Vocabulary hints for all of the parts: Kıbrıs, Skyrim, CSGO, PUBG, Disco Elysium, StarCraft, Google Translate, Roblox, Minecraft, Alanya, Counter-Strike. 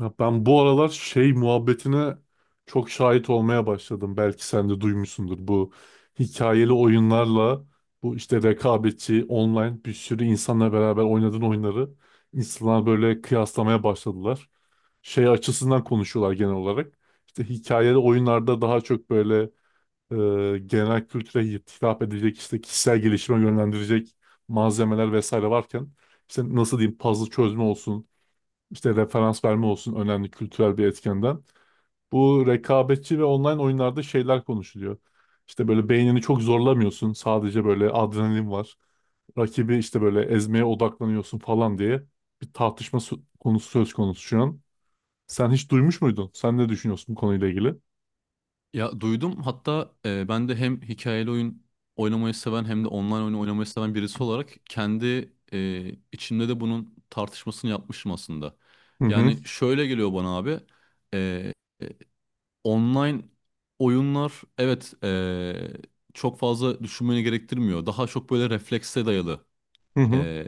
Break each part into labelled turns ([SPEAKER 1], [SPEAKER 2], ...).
[SPEAKER 1] Ya ben bu aralar şey muhabbetine çok şahit olmaya başladım. Belki sen de duymuşsundur. Bu hikayeli oyunlarla bu işte rekabetçi online bir sürü insanla beraber oynadığın oyunları insanlar böyle kıyaslamaya başladılar. Şey açısından konuşuyorlar genel olarak. İşte hikayeli oyunlarda daha çok böyle genel kültüre hitap edecek işte kişisel gelişime yönlendirecek malzemeler vesaire varken işte nasıl diyeyim puzzle çözme olsun işte referans verme olsun önemli kültürel bir etkenden. Bu rekabetçi ve online oyunlarda şeyler konuşuluyor. İşte böyle beynini çok zorlamıyorsun. Sadece böyle adrenalin var. Rakibi işte böyle ezmeye odaklanıyorsun falan diye bir tartışma sö- konusu söz konusu şu an. Sen hiç duymuş muydun? Sen ne düşünüyorsun bu konuyla ilgili?
[SPEAKER 2] Ya duydum hatta ben de hem hikayeli oyun oynamayı seven hem de online oyun oynamayı seven birisi olarak kendi içimde de bunun tartışmasını yapmışım aslında.
[SPEAKER 1] Hı hı
[SPEAKER 2] Yani şöyle geliyor bana abi, e, e, online oyunlar evet, çok fazla düşünmeni gerektirmiyor. Daha çok böyle reflekse dayalı
[SPEAKER 1] hı hı
[SPEAKER 2] e,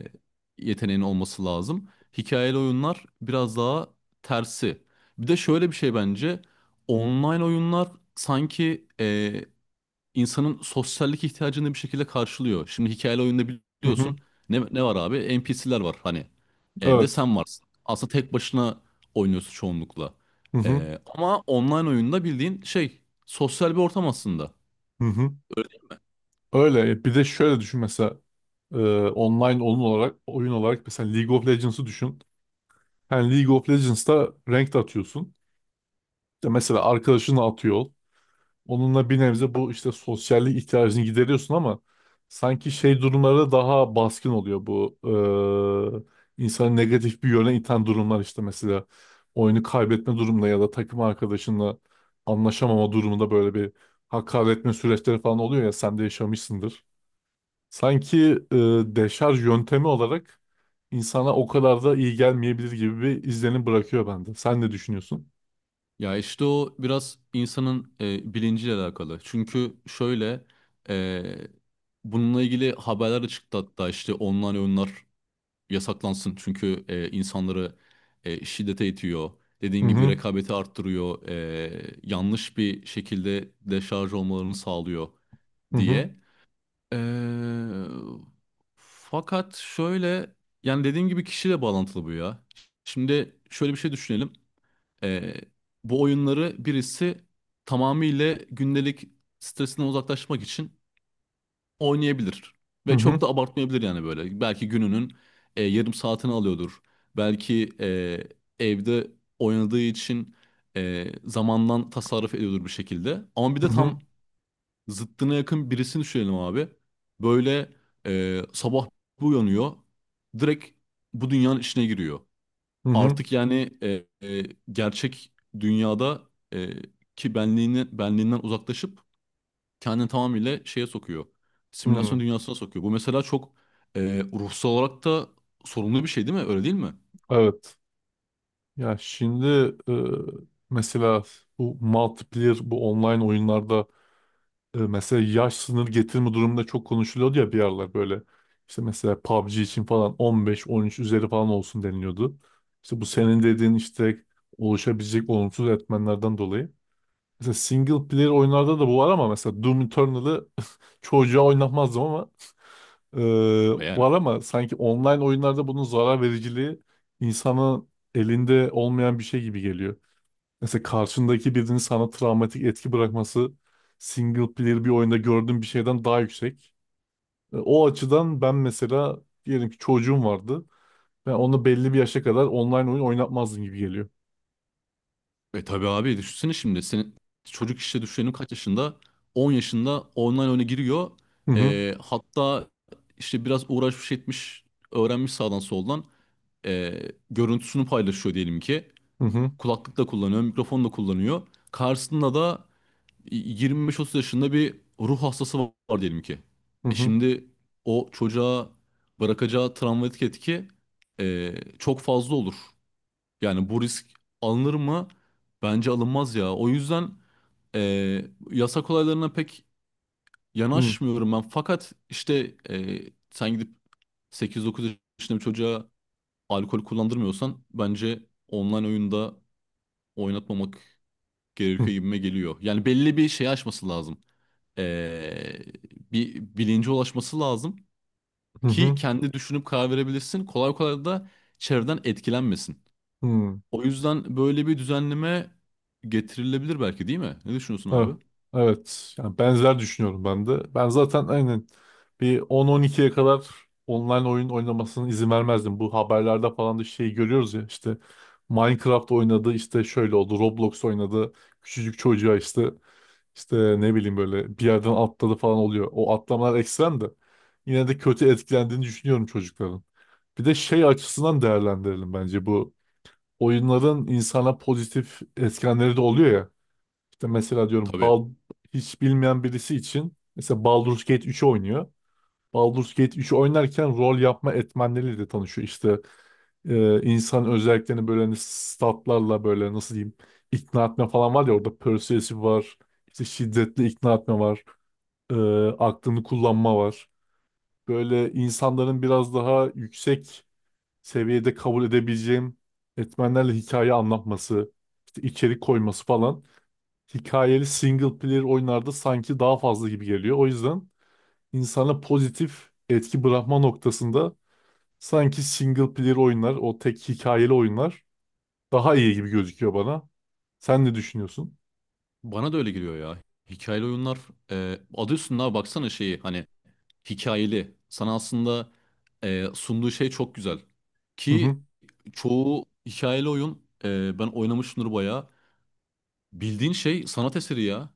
[SPEAKER 2] yeteneğin olması lazım. Hikayeli oyunlar biraz daha tersi. Bir de şöyle bir şey bence online oyunlar sanki insanın sosyallik ihtiyacını bir şekilde karşılıyor. Şimdi hikayeli oyunda
[SPEAKER 1] hı
[SPEAKER 2] biliyorsun
[SPEAKER 1] hı.
[SPEAKER 2] ne var abi? NPC'ler var hani. Bir de
[SPEAKER 1] Evet.
[SPEAKER 2] sen varsın. Aslında tek başına oynuyorsun çoğunlukla.
[SPEAKER 1] Hı hı
[SPEAKER 2] Ama online oyunda bildiğin şey sosyal bir ortam aslında.
[SPEAKER 1] hı hı. Öyle. E, bir de şöyle düşün mesela e, online oyun olarak mesela League of Legends'ı düşün. Yani League of Legends'ta ranked atıyorsun. İşte mesela arkadaşını atıyor. Ol. Onunla bir nebze bu işte sosyallik ihtiyacını gideriyorsun ama sanki şey durumlarda daha baskın oluyor bu insanı negatif bir yöne iten durumlar işte mesela oyunu kaybetme durumunda ya da takım arkadaşınla anlaşamama durumunda böyle bir hakaretme süreçleri falan oluyor ya sen de yaşamışsındır. Sanki e, deşarj yöntemi olarak insana o kadar da iyi gelmeyebilir gibi bir izlenim bırakıyor bende. Sen ne düşünüyorsun?
[SPEAKER 2] Ya işte o biraz insanın bilinciyle alakalı. Çünkü şöyle e, bununla ilgili haberler de çıktı hatta, işte online oyunlar yasaklansın. Çünkü insanları şiddete itiyor.
[SPEAKER 1] Hı
[SPEAKER 2] Dediğin gibi
[SPEAKER 1] hı
[SPEAKER 2] rekabeti arttırıyor. Yanlış bir şekilde deşarj olmalarını sağlıyor
[SPEAKER 1] hı hı
[SPEAKER 2] diye. E, fakat şöyle, yani dediğim gibi kişiyle bağlantılı bu ya. Şimdi şöyle bir şey düşünelim. Ee, bu oyunları birisi tamamıyla gündelik stresinden uzaklaşmak için oynayabilir.
[SPEAKER 1] hı
[SPEAKER 2] Ve
[SPEAKER 1] hı
[SPEAKER 2] çok da abartmayabilir yani böyle. Belki gününün yarım saatini alıyordur. Belki evde oynadığı için zamandan tasarruf ediyordur bir şekilde. Ama bir de tam
[SPEAKER 1] hı
[SPEAKER 2] zıttına yakın birisini düşünelim abi. Böyle sabah bir uyanıyor. Direkt bu dünyanın içine giriyor
[SPEAKER 1] hı hı hı.
[SPEAKER 2] artık yani, gerçek dünyada e, ki benliğini, benliğinden uzaklaşıp kendini tamamıyla şeye sokuyor.
[SPEAKER 1] Hı.
[SPEAKER 2] Simülasyon dünyasına sokuyor. Bu mesela çok e, ruhsal olarak da sorunlu bir şey değil mi? Öyle değil mi?
[SPEAKER 1] Evet. Ya şimdi e, mesela bu multiplayer bu online oyunlarda mesela yaş sınır getirme durumunda çok konuşuluyordu ya bir aralar böyle. İşte mesela PUBG için falan 15-13 üzeri falan olsun deniliyordu. İşte bu senin dediğin işte oluşabilecek olumsuz etmenlerden dolayı. Mesela single player oyunlarda da bu var ama mesela Doom Eternal'ı çocuğa oynatmazdım ama eee,
[SPEAKER 2] E yani.
[SPEAKER 1] var ama sanki online oyunlarda bunun zarar vericiliği insanın elinde olmayan bir şey gibi geliyor. Mesela karşındaki birinin sana travmatik etki bırakması single player bir oyunda gördüğüm bir şeyden daha yüksek. E, o açıdan ben mesela diyelim ki çocuğum vardı. Ben onu belli bir yaşa kadar online oyun oynatmazdım gibi geliyor.
[SPEAKER 2] E tabii abi, düşünsene şimdi. Senin çocuk, işte düşünelim, kaç yaşında? 10 yaşında online oyuna giriyor.
[SPEAKER 1] Hı hı
[SPEAKER 2] Hatta işte biraz uğraşmış etmiş, öğrenmiş sağdan soldan, e, görüntüsünü paylaşıyor diyelim ki.
[SPEAKER 1] hı hı
[SPEAKER 2] Kulaklık da kullanıyor, mikrofon da kullanıyor. Karşısında da 25-30 yaşında bir ruh hastası var diyelim ki. E
[SPEAKER 1] hı
[SPEAKER 2] şimdi o çocuğa bırakacağı travmatik etki çok fazla olur. Yani bu risk alınır mı? Bence alınmaz ya. O yüzden e, yasak olaylarına pek
[SPEAKER 1] hı
[SPEAKER 2] yanaşmıyorum ben. Fakat işte, sen gidip 8-9 yaşında bir çocuğa alkol kullandırmıyorsan, bence online oyunda oynatmamak gerekiyor
[SPEAKER 1] hı
[SPEAKER 2] gibime geliyor. Yani belli bir şey aşması lazım. Ee, bir bilince ulaşması lazım
[SPEAKER 1] hı
[SPEAKER 2] ki
[SPEAKER 1] hı
[SPEAKER 2] kendi düşünüp karar verebilirsin. Kolay kolay da çevreden etkilenmesin.
[SPEAKER 1] hı.
[SPEAKER 2] O yüzden böyle bir düzenleme getirilebilir belki, değil mi? Ne düşünüyorsun
[SPEAKER 1] Evet.
[SPEAKER 2] abi?
[SPEAKER 1] Evet. Yani benzer düşünüyorum ben de. Ben zaten aynen bir 10-12'ye kadar online oyun oynamasına izin vermezdim. Bu haberlerde falan da şey görüyoruz ya işte Minecraft oynadı işte şöyle oldu Roblox oynadı küçücük çocuğa işte ne bileyim böyle bir yerden atladı falan oluyor. O atlamalar ekstrem de yine de kötü etkilendiğini düşünüyorum çocukların. Bir de şey açısından değerlendirelim bence bu oyunların insana pozitif etkenleri de oluyor ya. İşte mesela diyorum
[SPEAKER 2] Tabii.
[SPEAKER 1] Hiç bilmeyen birisi için mesela Baldur's Gate 3'ü oynuyor. Baldur's Gate 3'ü oynarken rol yapma etmenleriyle de tanışıyor. İşte insan özelliklerini böyle hani statlarla böyle nasıl diyeyim ikna etme falan var ya orada persuasive var. İşte şiddetli ikna etme var. e, aklını kullanma var. Böyle insanların biraz daha yüksek seviyede kabul edebileceğim etmenlerle hikaye anlatması, işte içerik koyması falan hikayeli single player oyunlarda sanki daha fazla gibi geliyor. O yüzden insana pozitif etki bırakma noktasında sanki single player oyunlar, o tek hikayeli oyunlar daha iyi gibi gözüküyor bana. Sen ne düşünüyorsun?
[SPEAKER 2] Bana da öyle geliyor ya. Hikayeli oyunlar, adı üstünde abi, baksana şeyi, hani hikayeli. Sana aslında sunduğu şey çok güzel.
[SPEAKER 1] Hı
[SPEAKER 2] Ki
[SPEAKER 1] hı
[SPEAKER 2] çoğu hikayeli oyun, ben oynamışımdır bayağı. Bildiğin şey sanat eseri ya.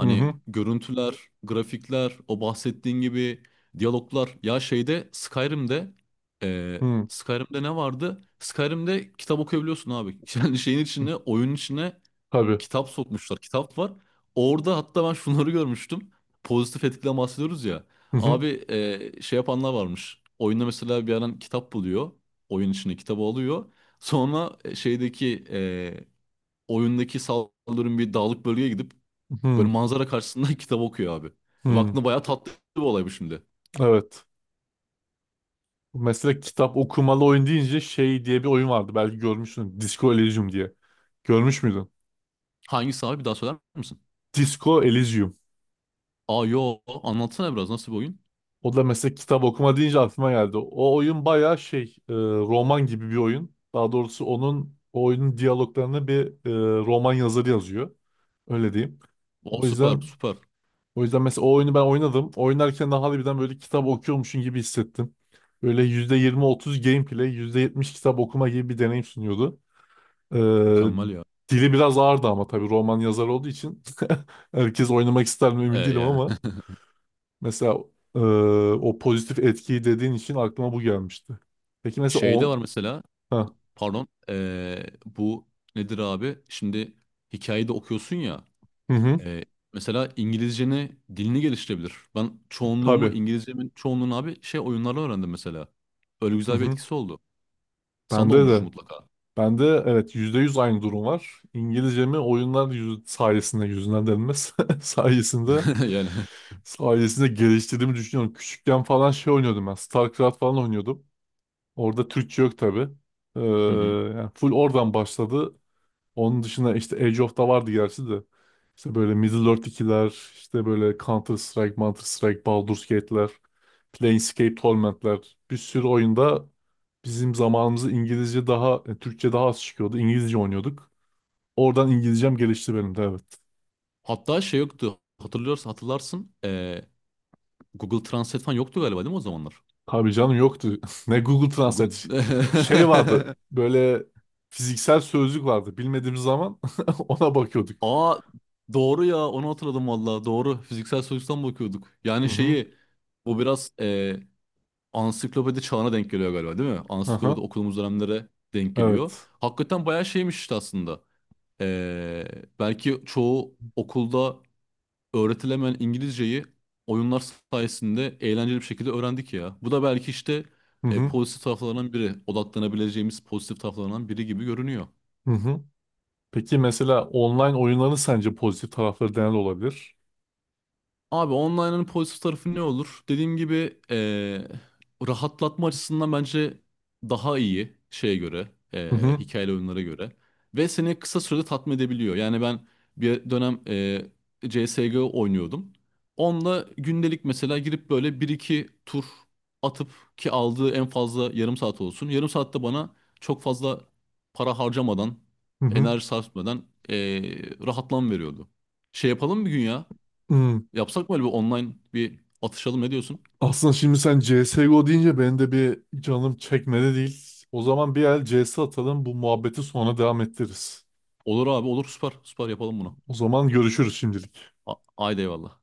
[SPEAKER 1] hı hı
[SPEAKER 2] görüntüler, grafikler, o bahsettiğin gibi diyaloglar. Ya şeyde Skyrim'de e,
[SPEAKER 1] hı.
[SPEAKER 2] Skyrim'de ne vardı? Skyrim'de kitap okuyabiliyorsun abi. Yani şeyin içine, oyunun içine
[SPEAKER 1] Tabii.
[SPEAKER 2] kitap sokmuşlar. Kitap var. Orada hatta ben şunları görmüştüm. Pozitif etkiden bahsediyoruz ya.
[SPEAKER 1] Hı hı
[SPEAKER 2] Abi şey yapanlar varmış. Oyunda mesela bir adam kitap buluyor. Oyun içine kitabı alıyor. Sonra şeydeki oyundaki saldırın bir dağlık bölgeye gidip böyle
[SPEAKER 1] hı
[SPEAKER 2] manzara karşısında kitap okuyor abi.
[SPEAKER 1] hı.
[SPEAKER 2] Baktığında bayağı tatlı bir olay bu şimdi.
[SPEAKER 1] Evet. Mesela kitap okumalı oyun deyince şey diye bir oyun vardı. Belki görmüşsün. Disco Elysium diye. Görmüş müydün?
[SPEAKER 2] Hangisi abi, bir daha söyler misin?
[SPEAKER 1] Disco Elysium.
[SPEAKER 2] Aa yo, anlatsana biraz, nasıl bir oyun?
[SPEAKER 1] O da mesela kitap okuma deyince aklıma geldi. O oyun bayağı şey roman gibi bir oyun. Daha doğrusu onun o oyunun diyaloglarını bir roman yazarı yazıyor. Öyle diyeyim.
[SPEAKER 2] O
[SPEAKER 1] O
[SPEAKER 2] süper
[SPEAKER 1] yüzden
[SPEAKER 2] süper
[SPEAKER 1] o yüzden mesela o oyunu ben oynadım. Oynarken de harbiden böyle kitap okuyormuşum gibi hissettim. Böyle %20-30 gameplay, %70 kitap okuma gibi bir deneyim sunuyordu. E,
[SPEAKER 2] mükemmel ya.
[SPEAKER 1] dili biraz ağırdı ama tabii roman yazarı olduğu için herkes oynamak ister mi
[SPEAKER 2] E,
[SPEAKER 1] emin değilim
[SPEAKER 2] yani
[SPEAKER 1] ama. Mesela e, o pozitif etkiyi dediğin için aklıma bu gelmişti. Peki mesela
[SPEAKER 2] şey de
[SPEAKER 1] o...
[SPEAKER 2] var mesela,
[SPEAKER 1] Ha,
[SPEAKER 2] pardon, bu nedir abi? Şimdi hikayeyi de okuyorsun ya,
[SPEAKER 1] hı hı,
[SPEAKER 2] e, mesela İngilizceni, dilini geliştirebilir. Ben çoğunluğumu,
[SPEAKER 1] tabii.
[SPEAKER 2] İngilizcemin çoğunluğunu abi şey oyunlarla öğrendim mesela. Öyle
[SPEAKER 1] Hı
[SPEAKER 2] güzel bir
[SPEAKER 1] hı.
[SPEAKER 2] etkisi oldu. Sana da
[SPEAKER 1] Bende
[SPEAKER 2] olmuştur
[SPEAKER 1] de.
[SPEAKER 2] mutlaka.
[SPEAKER 1] Bende evet %100 aynı durum var. İngilizcemi oyunlar yüz, sayesinde yüzünden denilmez. sayesinde
[SPEAKER 2] Yani.
[SPEAKER 1] sayesinde geliştirdiğimi düşünüyorum. Küçükken falan şey oynuyordum ben. StarCraft falan oynuyordum. Orada Türkçe yok tabii. Ee,
[SPEAKER 2] Hı hı.
[SPEAKER 1] yani full oradan başladı. Onun dışında işte Age of da vardı gerçi de. İşte böyle Middle-earth ikiler, işte böyle Counter-Strike, Baldur's Gate'ler, Planescape Torment'ler. Bir sürü oyunda bizim zamanımızda İngilizce daha, Türkçe daha az çıkıyordu. İngilizce oynuyorduk. Oradan İngilizcem gelişti benim de evet.
[SPEAKER 2] Hatta şey yoktu. Hatırlıyorsan hatırlarsın. Google Translate falan yoktu galiba, değil mi o zamanlar?
[SPEAKER 1] Tabii canım yoktu. Ne Google
[SPEAKER 2] Google.
[SPEAKER 1] Translate. Şey vardı böyle fiziksel sözlük vardı. Bilmediğimiz zaman ona bakıyorduk.
[SPEAKER 2] Aa doğru ya, onu hatırladım valla. Doğru. Fiziksel soyuttan bakıyorduk.
[SPEAKER 1] Hı
[SPEAKER 2] Yani
[SPEAKER 1] hı.
[SPEAKER 2] şeyi, bu biraz ansiklopedi çağına denk geliyor galiba, değil mi? Ansiklopedi
[SPEAKER 1] Hı.
[SPEAKER 2] okuduğumuz dönemlere denk geliyor.
[SPEAKER 1] Evet.
[SPEAKER 2] Hakikaten bayağı şeymiş işte aslında. Eee, belki çoğu okulda öğretilemeyen İngilizceyi oyunlar sayesinde eğlenceli bir şekilde öğrendik ya. Bu da belki işte
[SPEAKER 1] Hı hı.
[SPEAKER 2] pozitif taraflarından odaklanabileceğimiz pozitif taraflarından biri gibi görünüyor.
[SPEAKER 1] Hı hı. Peki mesela online oyunların sence pozitif tarafları neler olabilir?
[SPEAKER 2] Abi online'ın pozitif tarafı ne olur? Dediğim gibi, rahatlatma açısından bence daha iyi şeye göre,
[SPEAKER 1] Hı hı
[SPEAKER 2] hikayeli oyunlara göre. Ve seni kısa sürede tatmin edebiliyor. Yani ben bir dönem CSGO oynuyordum. Onunla gündelik mesela girip böyle bir iki tur atıp, ki aldığı en fazla yarım saat olsun. Yarım saatte bana çok fazla para harcamadan,
[SPEAKER 1] hı hı.
[SPEAKER 2] enerji sarf etmeden rahatlam veriyordu. Şey yapalım bir gün ya.
[SPEAKER 1] Hmm.
[SPEAKER 2] Yapsak mı? Öyle bir online bir atışalım, ne diyorsun?
[SPEAKER 1] Aslında şimdi sen CSGO deyince benim de bir canım çekmedi değil. O zaman bir el CS atalım bu muhabbeti sonra devam ettiririz.
[SPEAKER 2] Olur abi olur, süper süper, yapalım bunu.
[SPEAKER 1] O zaman görüşürüz şimdilik.
[SPEAKER 2] Haydi eyvallah.